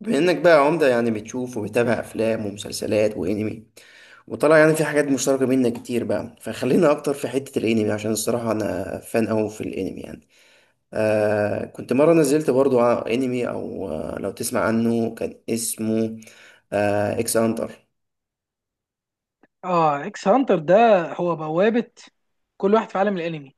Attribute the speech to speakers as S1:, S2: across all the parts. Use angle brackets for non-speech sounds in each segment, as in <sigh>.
S1: بما انك بقى عمدة يعني بتشوف وبتابع افلام ومسلسلات وانمي، وطلع يعني في حاجات مشتركة بينا كتير بقى، فخلينا اكتر في حتة الانمي عشان الصراحة انا فان اوي في الانمي يعني. كنت مرة نزلت برضو على انمي، او لو تسمع عنه، كان اسمه اكس هانتر.
S2: اه، اكس هانتر ده هو بوابة كل واحد في عالم الانمي.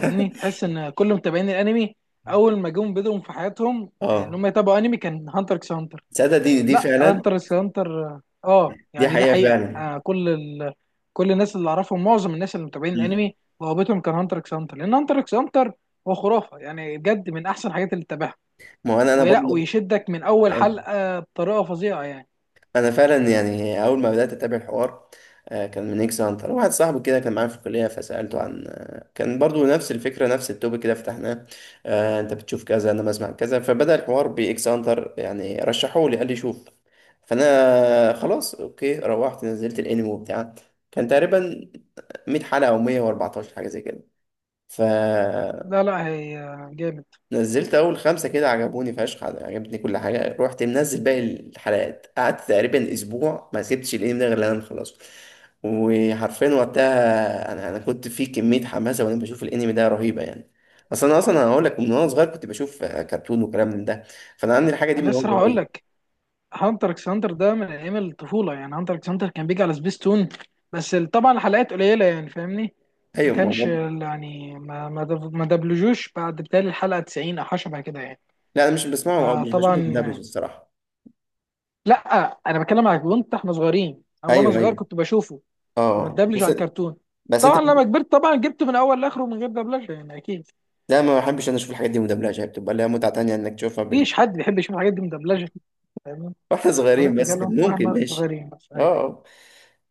S2: يعني تحس ان كل متابعين الانمي اول ما جم بدهم في حياتهم ان
S1: اه،
S2: هم يتابعوا انمي كان هانتر اكس هانتر.
S1: تصدق دي
S2: لا،
S1: فعلا.
S2: هانتر اكس هانتر
S1: دي
S2: يعني دي
S1: حقيقة
S2: حقيقة،
S1: فعلا.
S2: كل ال... كل الناس اللي اعرفهم، معظم الناس اللي متابعين
S1: مم.
S2: الانمي بوابتهم كان هانتر اكس هانتر، لان هانتر اكس هانتر هو خرافة، يعني بجد من احسن الحاجات اللي تتابعها،
S1: ما هو انا
S2: ولا
S1: برضو
S2: ويشدك من اول
S1: آه.
S2: حلقة بطريقة فظيعة يعني.
S1: انا فعلا يعني اول ما بدات اتابع الحوار، كان من اكس هانتر. واحد صاحبي كده كان معايا في الكليه، فسالته عن، كان برضو نفس الفكره، نفس التوبيك كده فتحناه. انت بتشوف كذا، انا بسمع كذا. فبدا الحوار باكس هانتر، يعني رشحوه لي قال لي شوف. فانا خلاص، اوكي روحت نزلت الانمي وبتاع. كان تقريبا 100 حلقه او 114 حاجه زي كده. ف
S2: لا هي جامد.
S1: نزلت اول خمسه كده، عجبوني فشخ، عجبتني كل حاجه. رحت منزل باقي الحلقات، قعدت تقريبا اسبوع ما سبتش الانمي ده غير لما نخلصه. وحرفيا وقتها انا كنت في كميه حماسه وانا بشوف الانمي ده رهيبه يعني. اصلا انا اصلا هقول لك، من وانا صغير كنت بشوف كرتون وكلام من ده، فانا عندي الحاجه دي من
S2: انا
S1: وانا
S2: لسه راح اقول
S1: صغير.
S2: لك، هانتر اكس هانتر ده من ايام الطفوله، يعني هانتر اكس هانتر كان بيجي على سبيستون، بس طبعا الحلقات قليله يعني، فاهمني؟ ما
S1: ايوه،
S2: كانش ما دبلجوش بعد بتالي الحلقه 90 او حاجه شبه كده يعني.
S1: لا انا مش بسمعه او مش بشوفه مدبلج
S2: فطبعا
S1: الصراحه.
S2: لا، انا بتكلم على كنت احنا صغيرين، وانا
S1: ايوه
S2: صغير
S1: ايوه.
S2: كنت بشوفه، كنت
S1: اه
S2: متدبلج
S1: بس.
S2: على الكرتون.
S1: بس انت،
S2: طبعا لما كبرت طبعا جبته من اول لاخره من غير دبلجه، يعني اكيد
S1: لا ما بحبش انا اشوف الحاجات دي مدبلجه، هي بتبقى لها متعه تانيه انك تشوفها.
S2: مفيش حد بيحب يشوف الحاجات دي مدبلجه، فاهمني؟
S1: واحنا
S2: انا
S1: صغيرين
S2: كنت
S1: بس
S2: بتكلم
S1: كان ممكن،
S2: واحنا
S1: ماشي.
S2: صغيرين بس،
S1: اه
S2: أيوة.
S1: آه.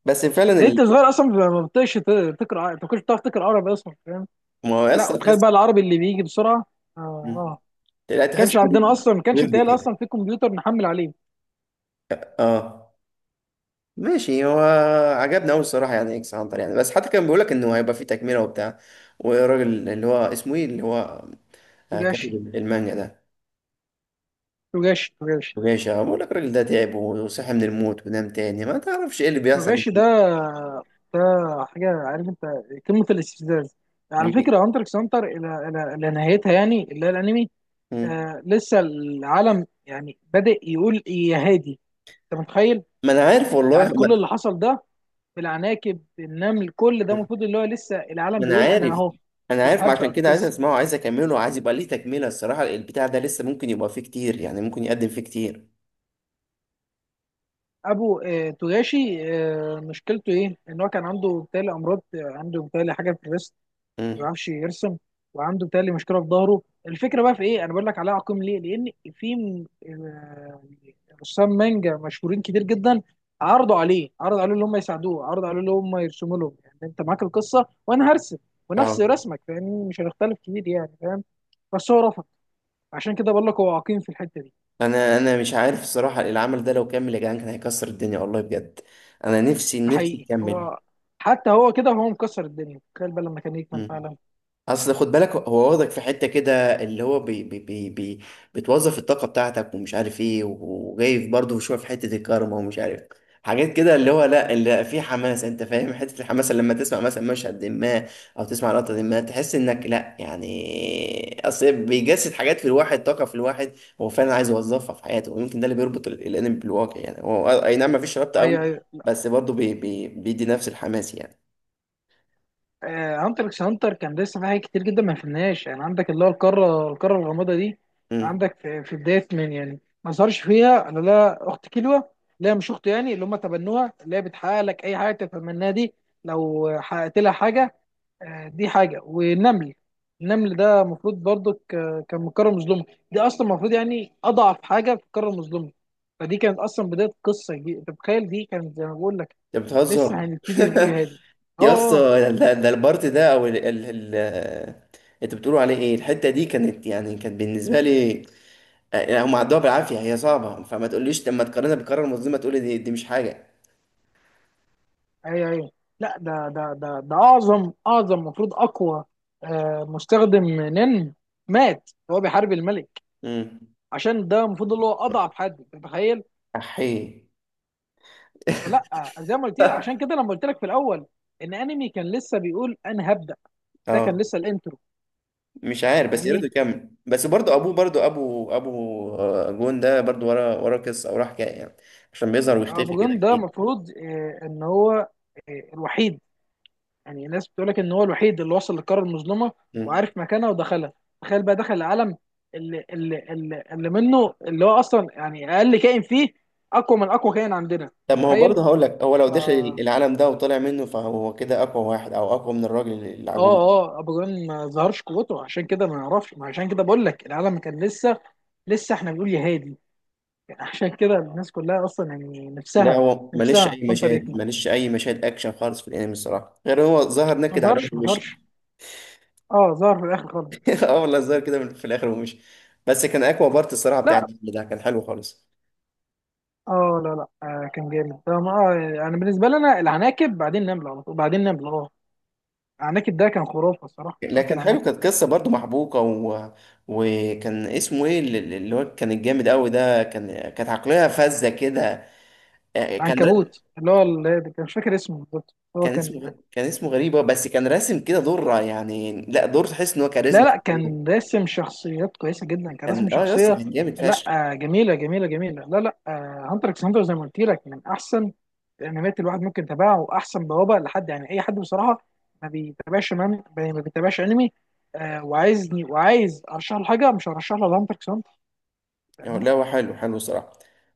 S1: بس فعلا
S2: يعني انت صغير اصلا ما بتقش ما كنتش بتعرف تقرا عربي اصلا، فاهم؟
S1: ما هو
S2: لا
S1: اصلا
S2: وتخيل
S1: تحس.
S2: بقى العربي اللي بيجي بسرعه. اه
S1: مم.
S2: اه
S1: لا تحس،
S2: كانش عندنا اصلا، ما كانش
S1: ورد
S2: بتاعي
S1: كده.
S2: اصلا في كمبيوتر نحمل عليه.
S1: اه، ماشي هو. عجبنا قوي الصراحه يعني اكس هانتر يعني. بس حتى كان بيقول لك انه هيبقى فيه تكمله وبتاع، والراجل اللي هو اسمه ايه، اللي هو كاتب
S2: توجاشي
S1: المانجا ده،
S2: توجاشي توجاشي.
S1: وجيشة، بقول لك الراجل ده تعب وصحي من الموت ونام تاني، ما تعرفش ايه اللي بيحصل يعني.
S2: توجاشي ده، ده حاجه، عارف انت، قمه الاستفزاز. على
S1: بي-
S2: فكره هانتر اكس هانتر الى نهايتها، يعني اللي هي الانمي،
S1: مم.
S2: لسه العالم يعني بادئ يقول إيه يا هادي، انت متخيل؟
S1: ما انا عارف والله.
S2: يعني كل اللي حصل ده، بالعناكب، بالنمل، كل ده
S1: ما...
S2: المفروض اللي هو لسه العالم
S1: ما انا
S2: بيقول انا
S1: عارف.
S2: اهو.
S1: انا عارف، ما
S2: هبدأ
S1: عشان كده عايز
S2: القصه،
S1: اسمعه، عايز اكمله، عايز يبقى ليه تكمله الصراحه. البتاع ده لسه ممكن يبقى فيه كتير يعني، ممكن يقدم فيه كتير.
S2: ابو توغاشي، مشكلته ايه، ان هو كان عنده بتالي امراض، عنده بتالي حاجه في الريست، ما
S1: امم.
S2: بيعرفش يرسم، وعنده بتالي مشكله في ظهره. الفكره بقى في ايه، انا بقول لك عليها عقيم ليه، لان في رسام مانجا مشهورين كتير جدا عرضوا عليه، عرضوا عليه ان هم يساعدوه، عرضوا عليه ان هم يرسموا لهم، يعني انت معاك القصه وانا هرسم ونفس
S1: اه.
S2: رسمك، فاهمني؟ مش هنختلف كتير يعني، فاهم؟ بس هو رفض. عشان كده بقول لك هو عقيم في الحته دي.
S1: انا مش عارف الصراحه، العمل ده لو كمل يا جدعان كان هيكسر الدنيا والله بجد. انا نفسي
S2: ده
S1: نفسي
S2: حقيقي،
S1: يكمل.
S2: هو حتى هو كده وهو مكسر الدنيا، تخيل بقى لما كان يكمل
S1: مم.
S2: فعلا.
S1: اصل خد بالك، هو واخدك في حته كده اللي هو بي بي بي بي بتوظف الطاقه بتاعتك ومش عارف ايه، وجاي برضه شويه في حته الكارما ومش عارف حاجات كده، اللي هو لا، اللي في حماس انت فاهم. <laughs> حته الحماس اللي لما تسمع مثلا مشهد ما، او تسمع لقطه ما، تحس انك لا يعني. اصل بيجسد حاجات في الواحد، طاقه في الواحد هو فعلا عايز يوظفها في حياته. ويمكن ده اللي بيربط الانمي بالواقع يعني. هو اي نعم، مفيش ربط
S2: ايوه
S1: قوي،
S2: ايوه، لا،
S1: بس برضه بي بي بيدي نفس الحماس يعني.
S2: هانتر اكس هانتر كان لسه في حاجات كتير جدا ما فهمناهاش، يعني عندك اللي هو القاره، القاره الغامضه دي،
S1: امم.
S2: عندك في بدايه، من يعني ما ظهرش فيها انا لا اخت كيلوا، لا مش اخته، يعني اللي هم تبنوها، اللي هي بتحقق لك اي حاجه تتمناها دي، لو حققت لها حاجه، دي حاجه. والنمل، النمل ده المفروض برضو كان من قاره مظلومه، دي اصلا المفروض يعني اضعف حاجه في القاره المظلومه، فدي كانت اصلا بدايه قصه دي، انت متخيل؟ دي كانت زي ما بقول لك،
S1: انت
S2: لسه
S1: بتهزر.
S2: هنبتدي نقول يا
S1: <laughs>
S2: هادي. اه
S1: يا اسطى،
S2: اه
S1: ده البارت ده، او ال ال ال انت بتقولوا عليه ايه، الحته دي كانت يعني كانت بالنسبه لي، يعني هم عدوها بالعافيه هي صعبه، فما تقوليش لما تقارنها بالقرار المنظمه تقولي دي مش حاجه.
S2: ايوه ايوه، لا، ده اعظم المفروض اقوى، مستخدم نن مات وهو بيحارب الملك،
S1: امم.
S2: عشان ده المفروض اللي هو اضعف حد، أنت متخيل؟
S1: احي.
S2: فلا، زي ما قلت لك، عشان
S1: <laughs>
S2: كده لما قلت لك في الاول ان انمي كان لسه بيقول انا هبدا، ده كان
S1: اه،
S2: لسه الانترو،
S1: مش عارف بس يا ريت
S2: فاهمني؟
S1: يكمل. بس برضه ابوه، برضه ابو جون ده برضه ورا قصه او حكايه يعني. عشان بيظهر ويختفي
S2: ابو
S1: كده
S2: جون ده
S1: كتير.
S2: المفروض ان هو الوحيد، يعني الناس بتقول لك ان هو الوحيد اللي وصل للقاره المظلمه
S1: مم.
S2: وعارف مكانها ودخلها، تخيل بقى دخل العالم اللي منه، اللي هو اصلا يعني اقل كائن فيه اقوى من اقوى كائن عندنا،
S1: طب ما هو
S2: متخيل؟
S1: برضه هقول لك، هو لو
S2: ف-
S1: دخل
S2: اه
S1: العالم ده وطلع منه، فهو كده اقوى واحد، او اقوى من الراجل العجوز.
S2: اه ابو جون ما ظهرش قوته، عشان كده ما نعرفش، ما عشان كده بقول لك العالم كان لسه، لسه احنا بنقول يا هادي، يعني عشان كده الناس كلها اصلا يعني
S1: لا،
S2: نفسها،
S1: هو ماليش
S2: نفسها
S1: اي
S2: هانتر
S1: مشاهد،
S2: يكمل.
S1: ماليش اي مشاهد اكشن خالص في الانمي الصراحه، غير هو ظهر
S2: ما
S1: نكد على
S2: ظهرش
S1: وشه
S2: ما ظهرش
S1: ومشي.
S2: اه ظهر في الاخر خالص.
S1: <laughs> اه والله، ظهر كده في الاخر ومشي. بس كان اقوى بارت الصراحه، بتاع
S2: لا،
S1: الانمي ده كان حلو خالص.
S2: اه، لا كان جامد ده، ما يعني بالنسبه لنا العناكب، بعدين نمله على طول، بعدين نمله، اه العناكب ده كان خرافه الصراحه،
S1: لا
S2: ارك
S1: كان حلو،
S2: العناكب،
S1: كانت قصه برضو محبوكه وكان اسمه ايه، اللي هو كان الجامد قوي ده، كانت عقليه فذه كده. آه، كان ر...
S2: العنكبوت اللي هو اللي كان مش فاكر اسمه بالظبط، هو
S1: كان
S2: كان،
S1: اسمه كان اسمه غريبه، بس كان راسم كده دور يعني، لا دور تحس ان هو
S2: لا
S1: كاريزما في
S2: لا
S1: الدور.
S2: كان راسم شخصيات كويسه جدا، كان راسم
S1: كان اه، يا اسطى
S2: شخصيه،
S1: كان جامد
S2: لا
S1: فشخ
S2: جميله جميله. لا هانتر اكس هانتر زي ما قلت لك من احسن الانميات، الواحد ممكن يتابعها، واحسن بوابه لحد يعني اي حد بصراحه ما بيتابعش، ما بيتابعش انمي وعايزني، وعايز ارشح له حاجه، مش هرشح له هانتر اكس هانتر،
S1: يعني.
S2: فاهمني؟
S1: لا هو حلو حلو الصراحة.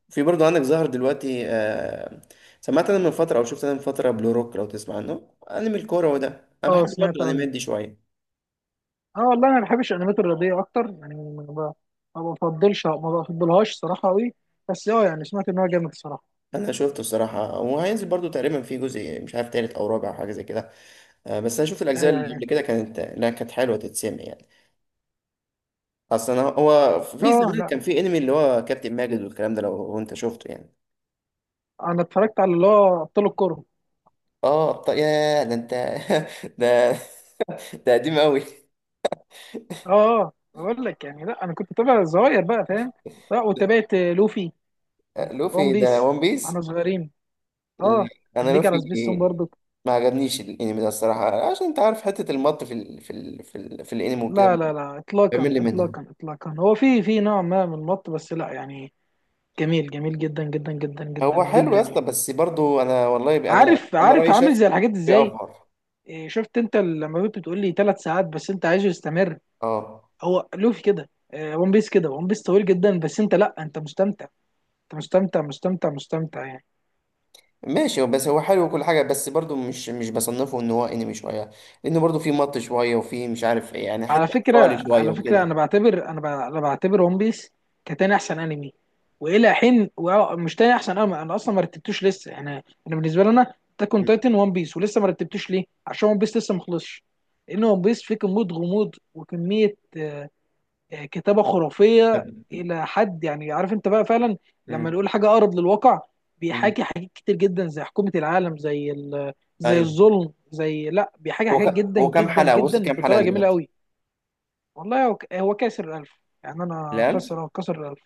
S1: في برضه عندك ظهر دلوقتي آه، سمعت انا من فترة، او شفت انا من فترة، بلو روك، لو تسمع عنه، انمي الكورة وده. انا
S2: اه
S1: بحب برضه
S2: سمعت عنه.
S1: الانميات دي شوية.
S2: اه والله انا ما بحبش الانميات الرياضيه اكتر يعني، ما ب- ما بفضلش ما بفضلهاش صراحه قوي، بس اه يعني سمعت ان هو جامد الصراحه.
S1: انا شفته الصراحة، وهينزل برضه تقريبا في جزء مش عارف تالت او رابع او حاجة زي كده. آه، بس انا شفت الاجزاء
S2: ايوه
S1: اللي
S2: ايوه.
S1: قبل كده كانت، لا كانت حلوة تتسمع يعني. اصلا هو في
S2: اه
S1: زمان
S2: لا،
S1: كان في انمي اللي هو كابتن ماجد والكلام ده لو انت شفته يعني.
S2: انا اتفرجت على اللي هو ابطال الكوره.
S1: اه طيب، يا ده انت. <laughs> ده، <laughs> ده قديم قوي.
S2: اه بقول لك يعني لا، انا كنت بتابع الصغير بقى، فاهم؟ لا وتابعت لوفي وون
S1: لوفي ده
S2: بيس
S1: ون
S2: واحنا
S1: بيس.
S2: صغيرين.
S1: لا،
S2: اه
S1: انا
S2: كان بيجي
S1: لوفي
S2: على سبيستون برضو.
S1: ما عجبنيش الانمي ده الصراحه، عشان انت عارف حته المط في الانمي وكده،
S2: لا اطلاقا
S1: بيعمل لي منها.
S2: اطلاقا، هو في نوع ما من المط، بس لا يعني جميل، جميل جدا جدا جدا جدا
S1: هو حلو يا
S2: جدا
S1: اسطى،
S2: يعني.
S1: بس برضو انا والله انا
S2: عارف،
S1: انا
S2: عارف،
S1: رايي
S2: عامل
S1: شخص
S2: زي الحاجات ازاي،
S1: بيأفور.
S2: إيه، شفت انت لما كنت بتقول لي ثلاث ساعات بس انت عايزه يستمر؟
S1: اه،
S2: هو لوفي كده، ون بيس كده، ون بيس طويل جدا بس انت، لا انت مستمتع، انت مستمتع، مستمتع يعني.
S1: ماشي، بس هو حلو وكل حاجه، بس برضو مش بصنفه ان هو انمي شويه، لانه برضو في مط شويه، وفي مش عارف ايه يعني حته
S2: على فكرة،
S1: اطفالي شويه
S2: على فكرة،
S1: وكده.
S2: أنا بعتبر ون بيس كتاني أحسن أنمي، مش تاني أحسن أنمي، أنا أصلا ما رتبتوش لسه. أنا، أنا بالنسبة لي، أنا تاكون
S1: مم.
S2: تايتن ون بيس، ولسه ما رتبتوش ليه؟ عشان ون بيس لسه ما خلصش، لأن ون بيس فيه كمية غموض وكمية كتابة
S1: طب.
S2: خرافية إلى حد يعني، عارف أنت بقى فعلا، لما
S1: مم.
S2: نقول حاجة أقرب للواقع،
S1: مم.
S2: بيحاكي حاجات كتير جدا، زي حكومة العالم، زي ال... زي
S1: ايوه.
S2: الظلم، زي لا بيحاكي
S1: هو ك...
S2: حاجات جدا
S1: هو كام
S2: جدا
S1: حلقه، وصل
S2: جدا
S1: كام حلقه
S2: بطريقة جميلة
S1: دلوقتي؟
S2: قوي. والله هو، هو كاسر الألف، يعني أنا
S1: ال1000؟
S2: كسر الألف.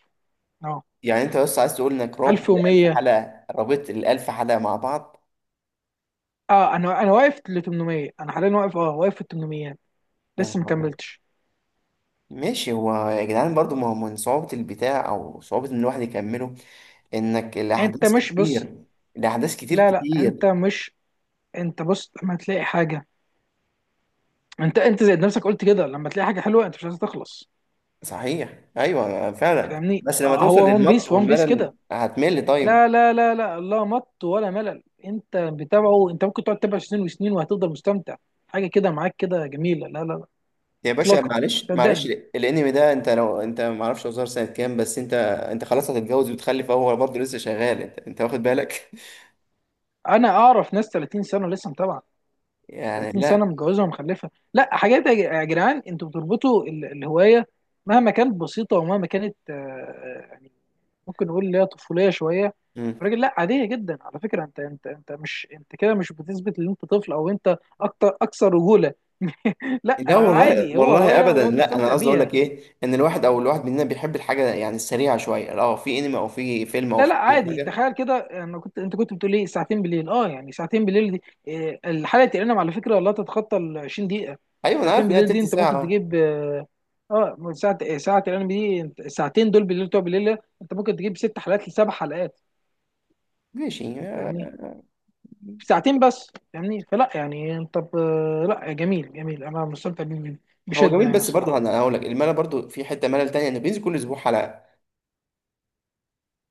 S2: أه
S1: يعني انت بس عايز تقول انك رابط الالف
S2: 1100،
S1: حلقه، رابط الالف حلقه مع بعض.
S2: أه، أنا واقف ل 800، أنا حاليا واقف، أه واقف في ال 800،
S1: يا
S2: لسه ما
S1: نهار ابيض.
S2: كملتش.
S1: ماشي هو يا جدعان، برضو ما هو من صعوبه البتاع، او صعوبه ان الواحد يكمله، انك
S2: أنت
S1: الاحداث
S2: مش بص،
S1: كتير. الاحداث كتير
S2: لا أنت
S1: كتير.
S2: مش، أنت بص لما تلاقي حاجة، أنت زي نفسك قلت كده، لما تلاقي حاجة حلوة أنت مش عايز تخلص،
S1: صحيح، ايوه فعلا.
S2: فاهمني؟
S1: بس لما توصل
S2: هو ون
S1: للمط
S2: بيس، ون بيس
S1: والملل
S2: كده،
S1: هتمل. طيب
S2: لا مط ولا ملل، أنت بتابعه، أنت ممكن تقعد تتابع سنين وسنين وهتفضل مستمتع، حاجة كده معاك كده جميلة. لا
S1: يا باشا،
S2: إطلاقا،
S1: معلش معلش
S2: صدقني
S1: الانمي ده انت لو انت، ما اعرفش هو ظهر سنه كام، بس انت، انت خلاص هتتجوز وتخلف هو برضه لسه شغال. انت واخد بالك؟
S2: انا اعرف ناس 30 سنه لسه متابعه،
S1: <laughs> يعني
S2: 30 سنه
S1: لا.
S2: متجوزه ومخلفه. لا حاجات يا يا جدعان، انتوا بتربطوا الهوايه مهما كانت بسيطه، ومهما كانت يعني ممكن نقول اللي هي طفوليه شويه، الراجل لا عاديه جدا. على فكره انت، انت مش انت كده مش بتثبت ان انت طفل او انت اكتر، اكثر رجوله، لا
S1: لا والله
S2: عادي، هو
S1: والله
S2: هوايه
S1: ابدا،
S2: وهو
S1: لا انا
S2: بيستمتع
S1: قصدي اقول
S2: بيها.
S1: لك ايه، ان الواحد، او الواحد مننا بيحب الحاجه يعني السريعه شويه. اه، في انمي او في فيلم او
S2: لا
S1: في
S2: لا
S1: اي
S2: عادي،
S1: حاجه.
S2: تخيل كده، انا كنت، انت كنت بتقول ايه، ساعتين بالليل، اه يعني ساعتين بالليل دي، إيه الحلقه تقريبا على فكره لا تتخطى ال 20 دقيقه،
S1: ايوه انا
S2: ساعتين
S1: عارف ان هي
S2: بالليل دي
S1: تلت
S2: انت
S1: ساعه
S2: ممكن
S1: آه.
S2: تجيب اه، من ساعه، إيه، ساعه تقريبا دي انت، الساعتين دول بالليل بتوع بالليل ده، انت ممكن تجيب ست حلقات لسبع حلقات،
S1: ماشي آه.
S2: فاهمني؟ في ساعتين بس، فاهمني؟ فلا يعني انت ب... لا جميل، جميل، انا مستمتع بيه
S1: هو
S2: بشده
S1: جميل،
S2: يعني
S1: بس برضه
S2: الصراحه.
S1: انا هقول لك الملل برضه، في حته ملل تانية انه بينزل كل اسبوع حلقه.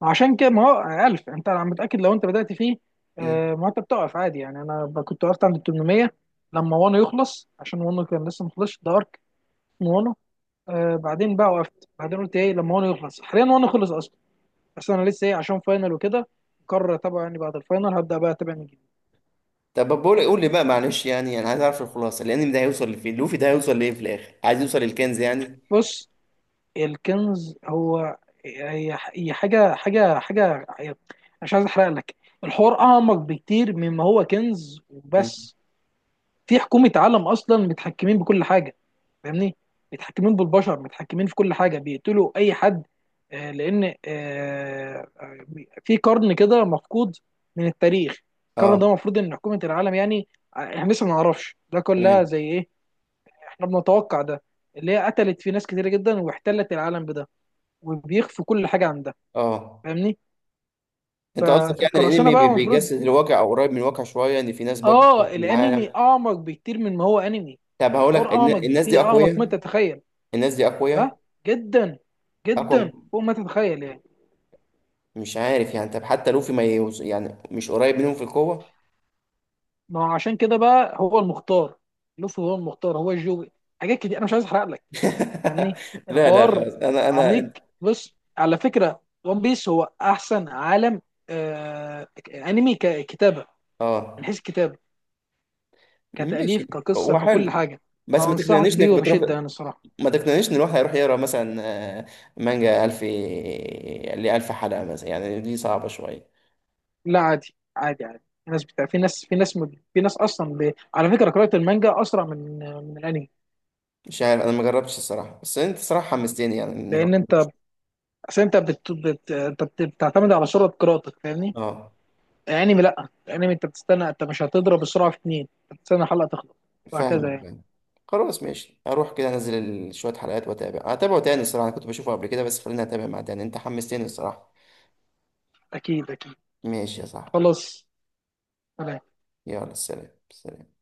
S2: عشان كده ما هو 1000، انت انا متاكد لو انت بدات فيه،
S1: مم.
S2: ما انت بتقف عادي يعني، كنت وقفت عند 800 لما وانو يخلص، عشان وانو كان لسه ما خلصش، ده ارك من وانو، بعدين بقى وقفت، بعدين قلت ايه لما وانو يخلص. حاليا وانو خلص اصلا، بس انا لسه ايه، عشان فاينل وكده، مقرر اتابعه، يعني بعد الفاينل هبدا بقى اتابع من جديد.
S1: طب بقول لك، قول لي بقى معلش، يعني انا عايز اعرف الخلاصه. الانمي ده هيوصل لفين؟ لوفي ده هيوصل لايه في الاخر؟ عايز يوصل للكنز يعني؟
S2: بص، الكنز هو، هي هي حاجه، مش عايز احرق لك، الحوار اعمق بكتير مما هو كنز
S1: مم.
S2: وبس، في حكومه عالم اصلا متحكمين بكل حاجه، فاهمني؟ متحكمين بالبشر، متحكمين في كل حاجه، بيقتلوا اي حد، آه، لان آه، آه، في قرن كده مفقود من التاريخ، القرن
S1: اه.
S2: ده المفروض ان حكومه العالم يعني، احنا لسه ما نعرفش ده كلها
S1: تمام.
S2: زي ايه، احنا بنتوقع ده، اللي هي قتلت في ناس كتير جدا، واحتلت العالم بده، وبيخفوا كل حاجه عن ده،
S1: اه.
S2: فاهمني؟
S1: انت قصدك يعني
S2: فالقراصنه
S1: الانمي
S2: بقى المفروض،
S1: بيجسد الواقع، او قريب من الواقع شويه، ان في ناس برضه
S2: اه
S1: بتحكم
S2: الانمي
S1: العالم.
S2: اعمق بكتير من ما هو انمي،
S1: طب هقول لك،
S2: الحوار اعمق
S1: الناس دي
S2: بكتير، اعمق ما
S1: اقوياء؟
S2: تتخيل.
S1: الناس دي اقوياء؟
S2: ها؟ جدا
S1: اقوى
S2: جدا، فوق ما تتخيل يعني.
S1: مش عارف يعني. طب حتى لوفي ما يوز... يعني مش قريب منهم في القوه.
S2: ما هو عشان كده بقى هو المختار، لوفي هو المختار، هو الجوبي، حاجات كتير انا مش عايز احرق لك، فاهمني؟
S1: <laughs> لا لا
S2: الحوار
S1: خلاص انا
S2: عميق.
S1: انا
S2: بص على فكره، ون بيس هو احسن عالم آه انمي ككتابه، من
S1: اه.
S2: حيث الكتابه، كتاليف،
S1: ماشي،
S2: كقصه،
S1: هو
S2: ككل
S1: حلو
S2: حاجه،
S1: بس ما
S2: فانصحك
S1: تقنعنيش انك
S2: بيه
S1: بتروح.
S2: وبشده انا الصراحه.
S1: ما تقنعنيش ان الواحد هيروح يقرا مثلا، آه، مانجا 1000، ل 1000 حلقه مثلا، يعني دي صعبه شويه.
S2: لا عادي عادي عادي، الناس بتاع، في ناس اصلا ب... على فكره قراءه المانجا اسرع من الانمي،
S1: مش عارف انا، ما جربتش الصراحه، بس انت صراحه حمستني يعني ان
S2: لان
S1: الواحد
S2: انت،
S1: يشوف.
S2: اصل انت بت... بت... انت بت... بتعتمد على سرعه قراءتك، فاهمني؟
S1: اه،
S2: الانمي لا، الانمي انت بتستنى، انت مش هتضرب السرعه في اتنين، أنت بتستنى الحلقه تخلص وهكذا
S1: فاهمك
S2: يعني.
S1: فاهمك. خلاص ماشي، اروح كده انزل شويه حلقات واتابع. هتابعه تاني الصراحه، انا كنت بشوفه قبل كده بس خليني اتابع مع تاني، انت حمستني الصراحه.
S2: اكيد اكيد،
S1: ماشي يا صاحبي.
S2: خلاص، سلام.
S1: يلا سلام سلام.